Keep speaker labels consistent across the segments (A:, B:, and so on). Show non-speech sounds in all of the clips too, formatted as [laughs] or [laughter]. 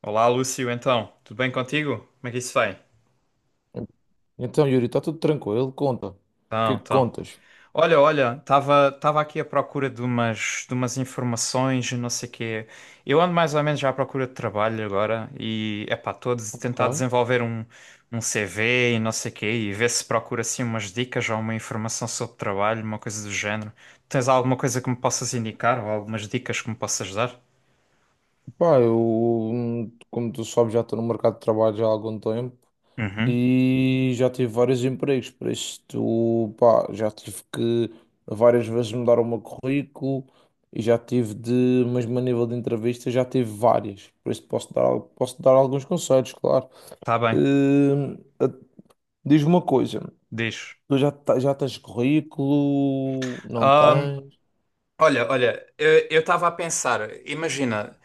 A: Olá, Lúcio, então, tudo bem contigo? Como é que isso vai?
B: Então, Yuri, está tudo tranquilo? Conta. O que
A: Então,
B: é que
A: então.
B: contas?
A: Olha, estava aqui à procura de umas informações e não sei quê. Eu ando mais ou menos já à procura de trabalho agora e, epá, estou a tentar
B: Ok.
A: desenvolver um CV e não sei quê e ver se procuro assim umas dicas ou uma informação sobre trabalho, uma coisa do género. Tens alguma coisa que me possas indicar ou algumas dicas que me possas dar?
B: Pá, eu, como tu sabes, já estou no mercado de trabalho já há algum tempo
A: Uhum,
B: e já tive vários empregos, por isso tu, pá, já tive que várias vezes mudar o meu currículo e já tive de, mesmo a nível de entrevista, já tive várias, por isso posso dar, posso dar alguns conselhos, claro.
A: tá bem,
B: Hum, a- Diz-me uma coisa,
A: diz.
B: tu já tens currículo? Não
A: Ahm,
B: tens?
A: olha, eu estava a pensar, imagina,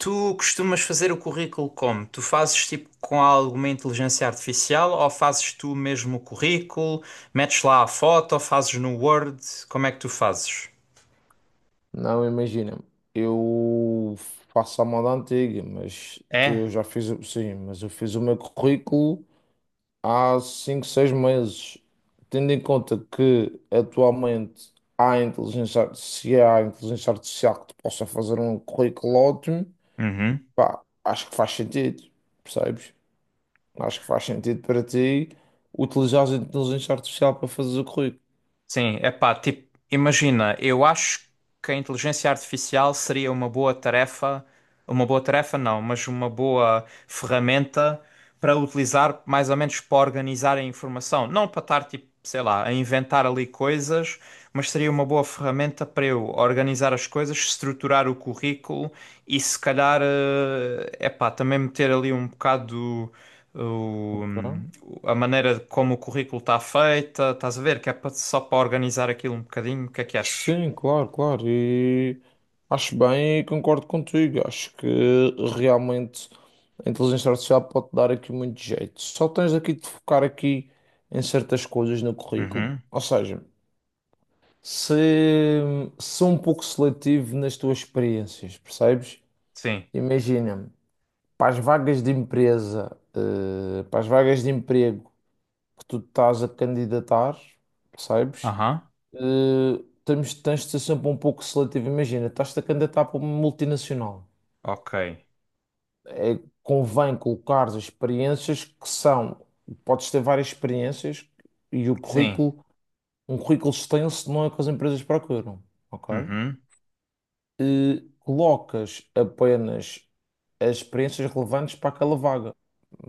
A: tu costumas fazer o currículo como? Tu fazes tipo com alguma inteligência artificial ou fazes tu mesmo o currículo? Metes lá a foto ou fazes no Word? Como é que tu fazes?
B: Não, imagina, eu faço a moda antiga, mas
A: É?
B: eu já fiz, o- sim, mas eu fiz o meu currículo há 5 6 meses. Tendo em conta que atualmente se há inteligência artificial que te possa fazer um currículo ótimo,
A: Uhum.
B: pá, acho que faz sentido, percebes? Acho que faz sentido para ti utilizar a inteligência artificial para fazer o currículo.
A: Sim, é pá, tipo, imagina, eu acho que a inteligência artificial seria uma boa tarefa. Uma boa tarefa, não, mas uma boa ferramenta para utilizar mais ou menos para organizar a informação. Não para estar, tipo, sei lá, a inventar ali coisas, mas seria uma boa ferramenta para eu organizar as coisas, estruturar o currículo e se calhar, é pá, também meter ali um bocado o-
B: Tá?
A: a maneira como o currículo está feita, estás a ver? Que é só para organizar aquilo um bocadinho. O que é que achas?
B: Sim, claro, claro. E acho bem e concordo contigo. Acho que realmente a inteligência artificial pode dar aqui muito jeito. Só tens aqui de focar aqui em certas coisas no currículo.
A: Uhum.
B: Ou seja, se ser um pouco seletivo nas tuas experiências, percebes?
A: Sim.
B: Imagina, para as vagas de emprego que tu estás a candidatar, percebes?
A: Aham.
B: Tens de ser sempre um pouco seletivo. Imagina, estás-te a candidatar para uma multinacional.
A: Ok.
B: É, convém colocar as experiências que são, podes ter várias experiências e o
A: Sim.
B: currículo, um currículo extenso não é o que as empresas procuram, ok?
A: Uhum.
B: E colocas apenas as experiências relevantes para aquela vaga.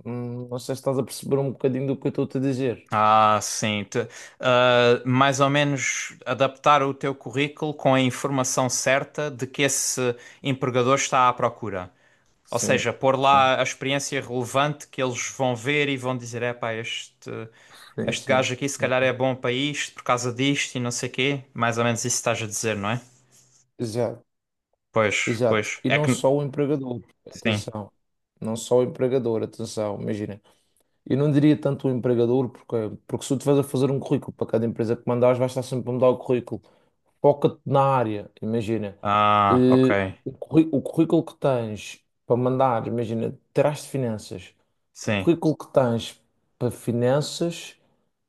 B: Não sei se estás a perceber um bocadinho do que eu estou a te dizer.
A: Ah, sim. Ah, mais ou menos adaptar o teu currículo com a informação certa de que esse empregador está à procura. Ou
B: Sim,
A: seja, pôr
B: sim,
A: lá a experiência relevante que eles vão ver e vão dizer: epá, este
B: sim, sim.
A: gajo aqui se calhar
B: sim.
A: é bom para isto por causa disto e não sei quê. Mais ou menos isso estás a dizer, não é?
B: Exato.
A: Pois,
B: Exato.
A: pois.
B: E
A: É
B: não
A: que.
B: só o empregador,
A: Sim.
B: atenção. Não só o empregador, atenção. Imagina, eu não diria tanto o empregador, porque se tu estiveres a fazer um currículo para cada empresa que mandares, vais estar sempre a mudar o currículo, foca-te na área, imagina.
A: Ah, ok.
B: eh, o currículo que tens para mandar, imagina, terás de finanças. O
A: Sim.
B: currículo que tens para finanças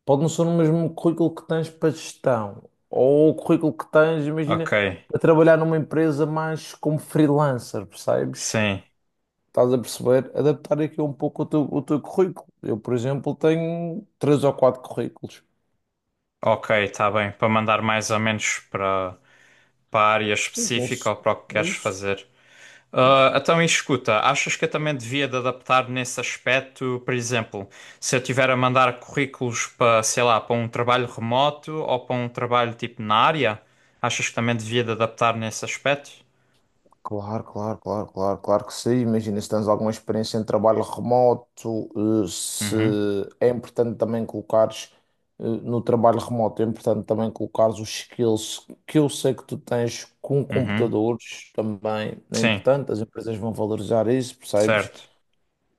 B: pode não ser o mesmo currículo que tens para gestão. Ou o currículo que tens,
A: Ok.
B: imagina, para trabalhar numa empresa mais como freelancer, percebes?
A: Sim.
B: Estás a perceber? Adaptar aqui um pouco o teu currículo. Eu, por exemplo, tenho três ou quatro currículos.
A: Ok, está bem. Para mandar mais ou menos para, para a área
B: Sim,
A: específica ou para o que queres
B: isso.
A: fazer. Ah, então, e escuta, achas que eu também devia de adaptar nesse aspecto, por exemplo, se eu tiver a mandar currículos para, sei lá, para um trabalho remoto ou para um trabalho tipo na área, achas que também devia de adaptar nesse aspecto?
B: Claro, claro, claro, claro, claro que sim. Imagina se tens alguma experiência em trabalho remoto, se
A: Uhum,
B: é importante também no trabalho remoto, é importante também colocares os skills que eu sei que tu tens com
A: uhum,
B: computadores também. É
A: sim,
B: importante, as empresas vão valorizar isso, percebes?
A: certo.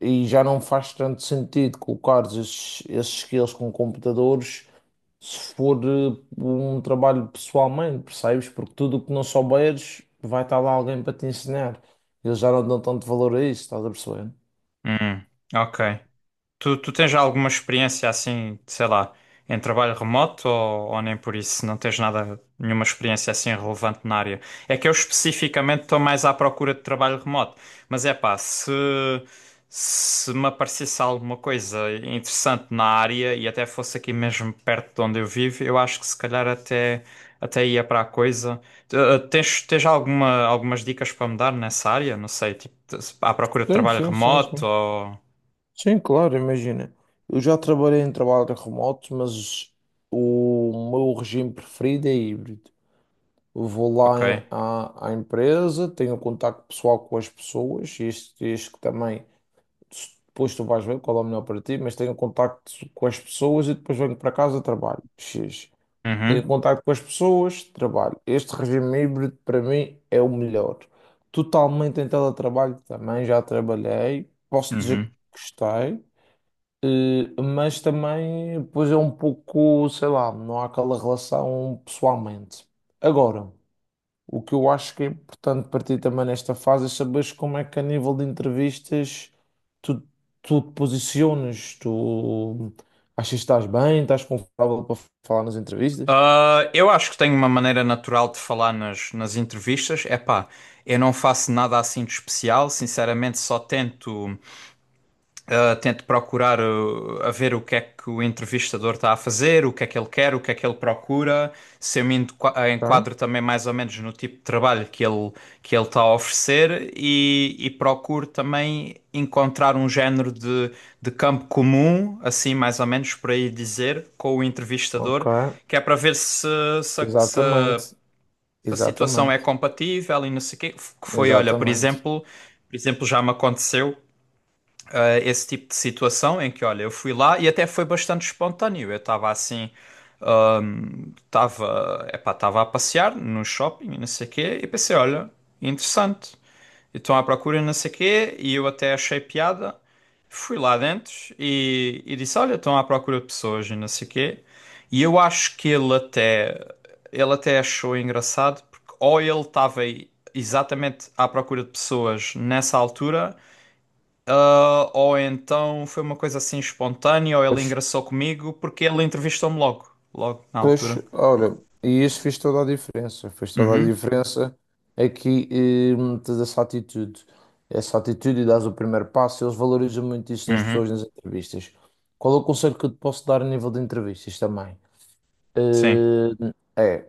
B: E já não faz tanto sentido colocares esses skills com computadores se for um trabalho pessoalmente, percebes? Porque tudo o que não souberes vai estar lá alguém para te ensinar. Eles já não dão tanto valor a isso, estás a perceber?
A: Uhum, ok. Tu tens já alguma experiência assim, sei lá, em trabalho remoto ou nem por isso? Não tens nada, nenhuma experiência assim relevante na área? É que eu especificamente estou mais à procura de trabalho remoto. Mas é pá, se me aparecesse alguma coisa interessante na área e até fosse aqui mesmo perto de onde eu vivo, eu acho que se calhar até, até ia para a coisa. Tens alguma, algumas dicas para me dar nessa área? Não sei, tipo, à procura de
B: Sim,
A: trabalho
B: sim, sim, sim.
A: remoto ou.
B: Sim, claro, imagina. Eu já trabalhei em trabalho remoto, mas o meu regime preferido é híbrido. Eu vou lá
A: Ok.
B: à empresa, tenho contacto pessoal com as pessoas, isto que também, depois tu vais ver qual é o melhor para ti, mas tenho contacto com as pessoas e depois venho para casa e trabalho. X. Tenho
A: Uhum,
B: contato com as pessoas, trabalho. Este regime híbrido para mim é o melhor. Totalmente em teletrabalho também, já trabalhei, posso dizer que
A: uhum.
B: gostei, mas também pois é um pouco, sei lá, não há aquela relação pessoalmente. Agora, o que eu acho que é importante para ti também nesta fase é saberes como é que a nível de entrevistas tu, tu te posicionas, tu achas que estás bem, estás confortável para falar nas entrevistas?
A: Ah, eu acho que tenho uma maneira natural de falar nas, nas entrevistas. É pá, eu não faço nada assim de especial. Sinceramente, só tento. Tento procurar a ver o que é que o entrevistador está a fazer, o que é que ele quer, o que é que ele procura, se eu me
B: Ok.
A: enquadro também mais ou menos no tipo de trabalho que ele está a oferecer e procuro também encontrar um género de campo comum, assim mais ou menos por aí dizer, com o
B: Ok,
A: entrevistador, que é para ver se, se, se a
B: exatamente,
A: se a situação é
B: exatamente,
A: compatível e não sei o quê. Que foi, olha, por
B: exatamente.
A: exemplo, por exemplo, já me aconteceu esse tipo de situação em que, olha, eu fui lá e até foi bastante espontâneo. Eu estava assim, estava, epá, estava a passear no shopping e não sei o quê, e pensei, olha, interessante. E estão à procura e não sei o quê, e eu até achei piada. Fui lá dentro e disse, olha, estão à procura de pessoas e não sei o quê. E eu acho que ele até achou engraçado, porque ou ele estava aí exatamente à procura de pessoas nessa altura, ah, ou então foi uma coisa assim espontânea, ou ele
B: Pois,
A: engraçou comigo porque ele entrevistou-me logo, logo na
B: pois,
A: altura.
B: olha, e isso fez toda a diferença, fez toda a
A: Uhum,
B: diferença aqui, tens essa atitude e dás o primeiro passo, eles valorizam muito isso nas
A: uhum,
B: pessoas, nas entrevistas. Qual é o conselho que eu te posso dar a nível de entrevistas também?
A: sim,
B: Eh, é,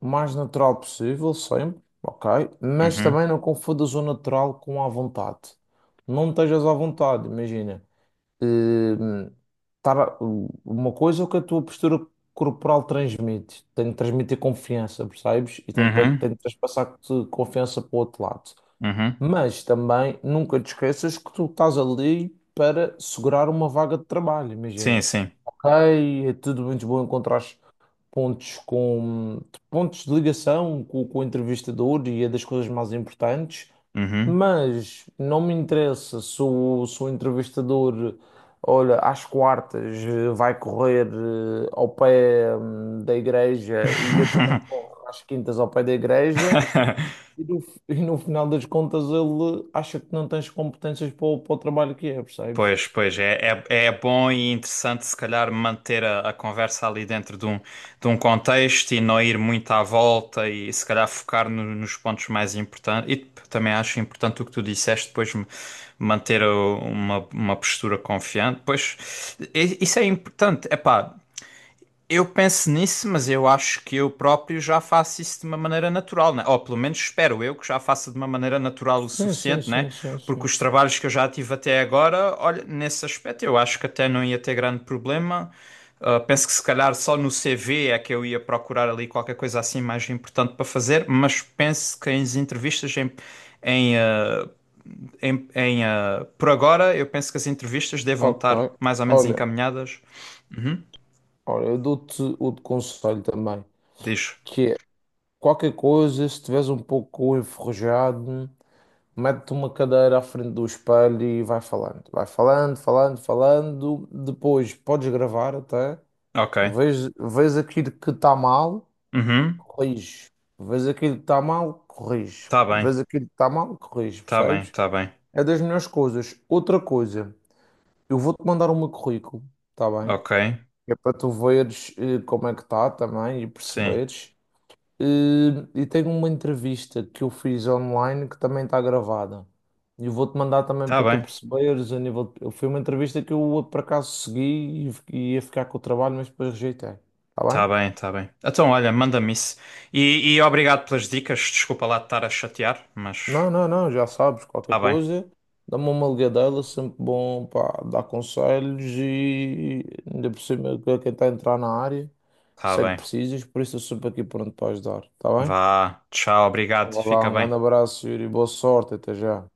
B: o mais natural possível, sempre, ok, mas
A: uhum,
B: também não confundas o natural com a vontade. Não estejas à vontade, imagina. Hum, tava- uma coisa é o que a tua postura corporal transmite. Tem de transmitir confiança, percebes? E tem de, pa-
A: uhum,
B: tem de transpassar-te confiança para o outro lado.
A: uhum,
B: Mas também nunca te esqueças que tu estás ali para segurar uma vaga de trabalho,
A: sim,
B: imagina.
A: sim,
B: Ok, é tudo muito bom encontrar pontos com pontos de ligação com o entrevistador e é das coisas mais importantes,
A: uhum.
B: mas não me interessa se o entrevistador, olha, às quartas vai correr ao pé da igreja e eu também corro às quintas ao pé da igreja [laughs] e no final das contas ele acha que não tens competências para o trabalho que é, percebes?
A: Pois, pois, é, é, é bom e interessante se calhar manter a conversa ali dentro de um contexto e não ir muito à volta e se calhar focar nos pontos mais importantes. E também acho importante o que tu disseste, depois manter uma postura confiante. Pois, isso é importante. Epá, eu penso nisso, mas eu acho que eu próprio já faço isso de uma maneira natural, né? Ou pelo menos espero eu que já faça de uma maneira natural o
B: Sim, sim,
A: suficiente, né?
B: sim, sim,
A: Porque
B: sim.
A: os trabalhos que eu já tive até agora, olha, nesse aspecto eu acho que até não ia ter grande problema. Ah, penso que se calhar só no CV é que eu ia procurar ali qualquer coisa assim mais importante para fazer, mas penso que em entrevistas, em, em, em, por agora, eu penso que as entrevistas devam
B: Ok.
A: estar mais ou menos
B: Olha.
A: encaminhadas. Uhum.
B: Ora, eu dou-te outro conselho também,
A: Diz.
B: que é qualquer coisa, se estiveres um pouco enferrujado, mete-te uma cadeira à frente do espelho e vai falando. Vai falando, falando, falando. Depois podes gravar até.
A: Ok.
B: Vês, vês aquilo que está mal,
A: Uhum.
B: corrige. Vês aquilo que está mal, corrige.
A: Tá bem,
B: Vês aquilo que está mal, corrige,
A: tá bem,
B: percebes?
A: tá bem.
B: É das melhores coisas. Outra coisa, eu vou-te mandar o meu currículo, está bem?
A: Ok,
B: É para tu veres como é que está também e
A: sim.
B: perceberes. E tenho uma entrevista que eu fiz online que também está gravada. E eu vou-te mandar também
A: Tá
B: para tu
A: bem,
B: perceberes foi uma entrevista que eu por acaso segui e ia ficar com o trabalho, mas depois rejeitei. Está bem?
A: tá bem, tá bem. Então, olha, manda-me isso. E obrigado pelas dicas. Desculpa lá de estar a chatear, mas
B: Não, não, não, já sabes, qualquer
A: tá bem,
B: coisa, dá-me uma ligadela, sempre bom para dar conselhos e ainda por cima que quem está a entrar na área,
A: tá
B: sei que
A: bem.
B: precisas, por isso eu sempre aqui pronto para ajudar. Está bem?
A: Vá, tchau,
B: Então,
A: obrigado.
B: vá lá,
A: Fica
B: um
A: bem.
B: grande abraço, Yuri, boa sorte, até já.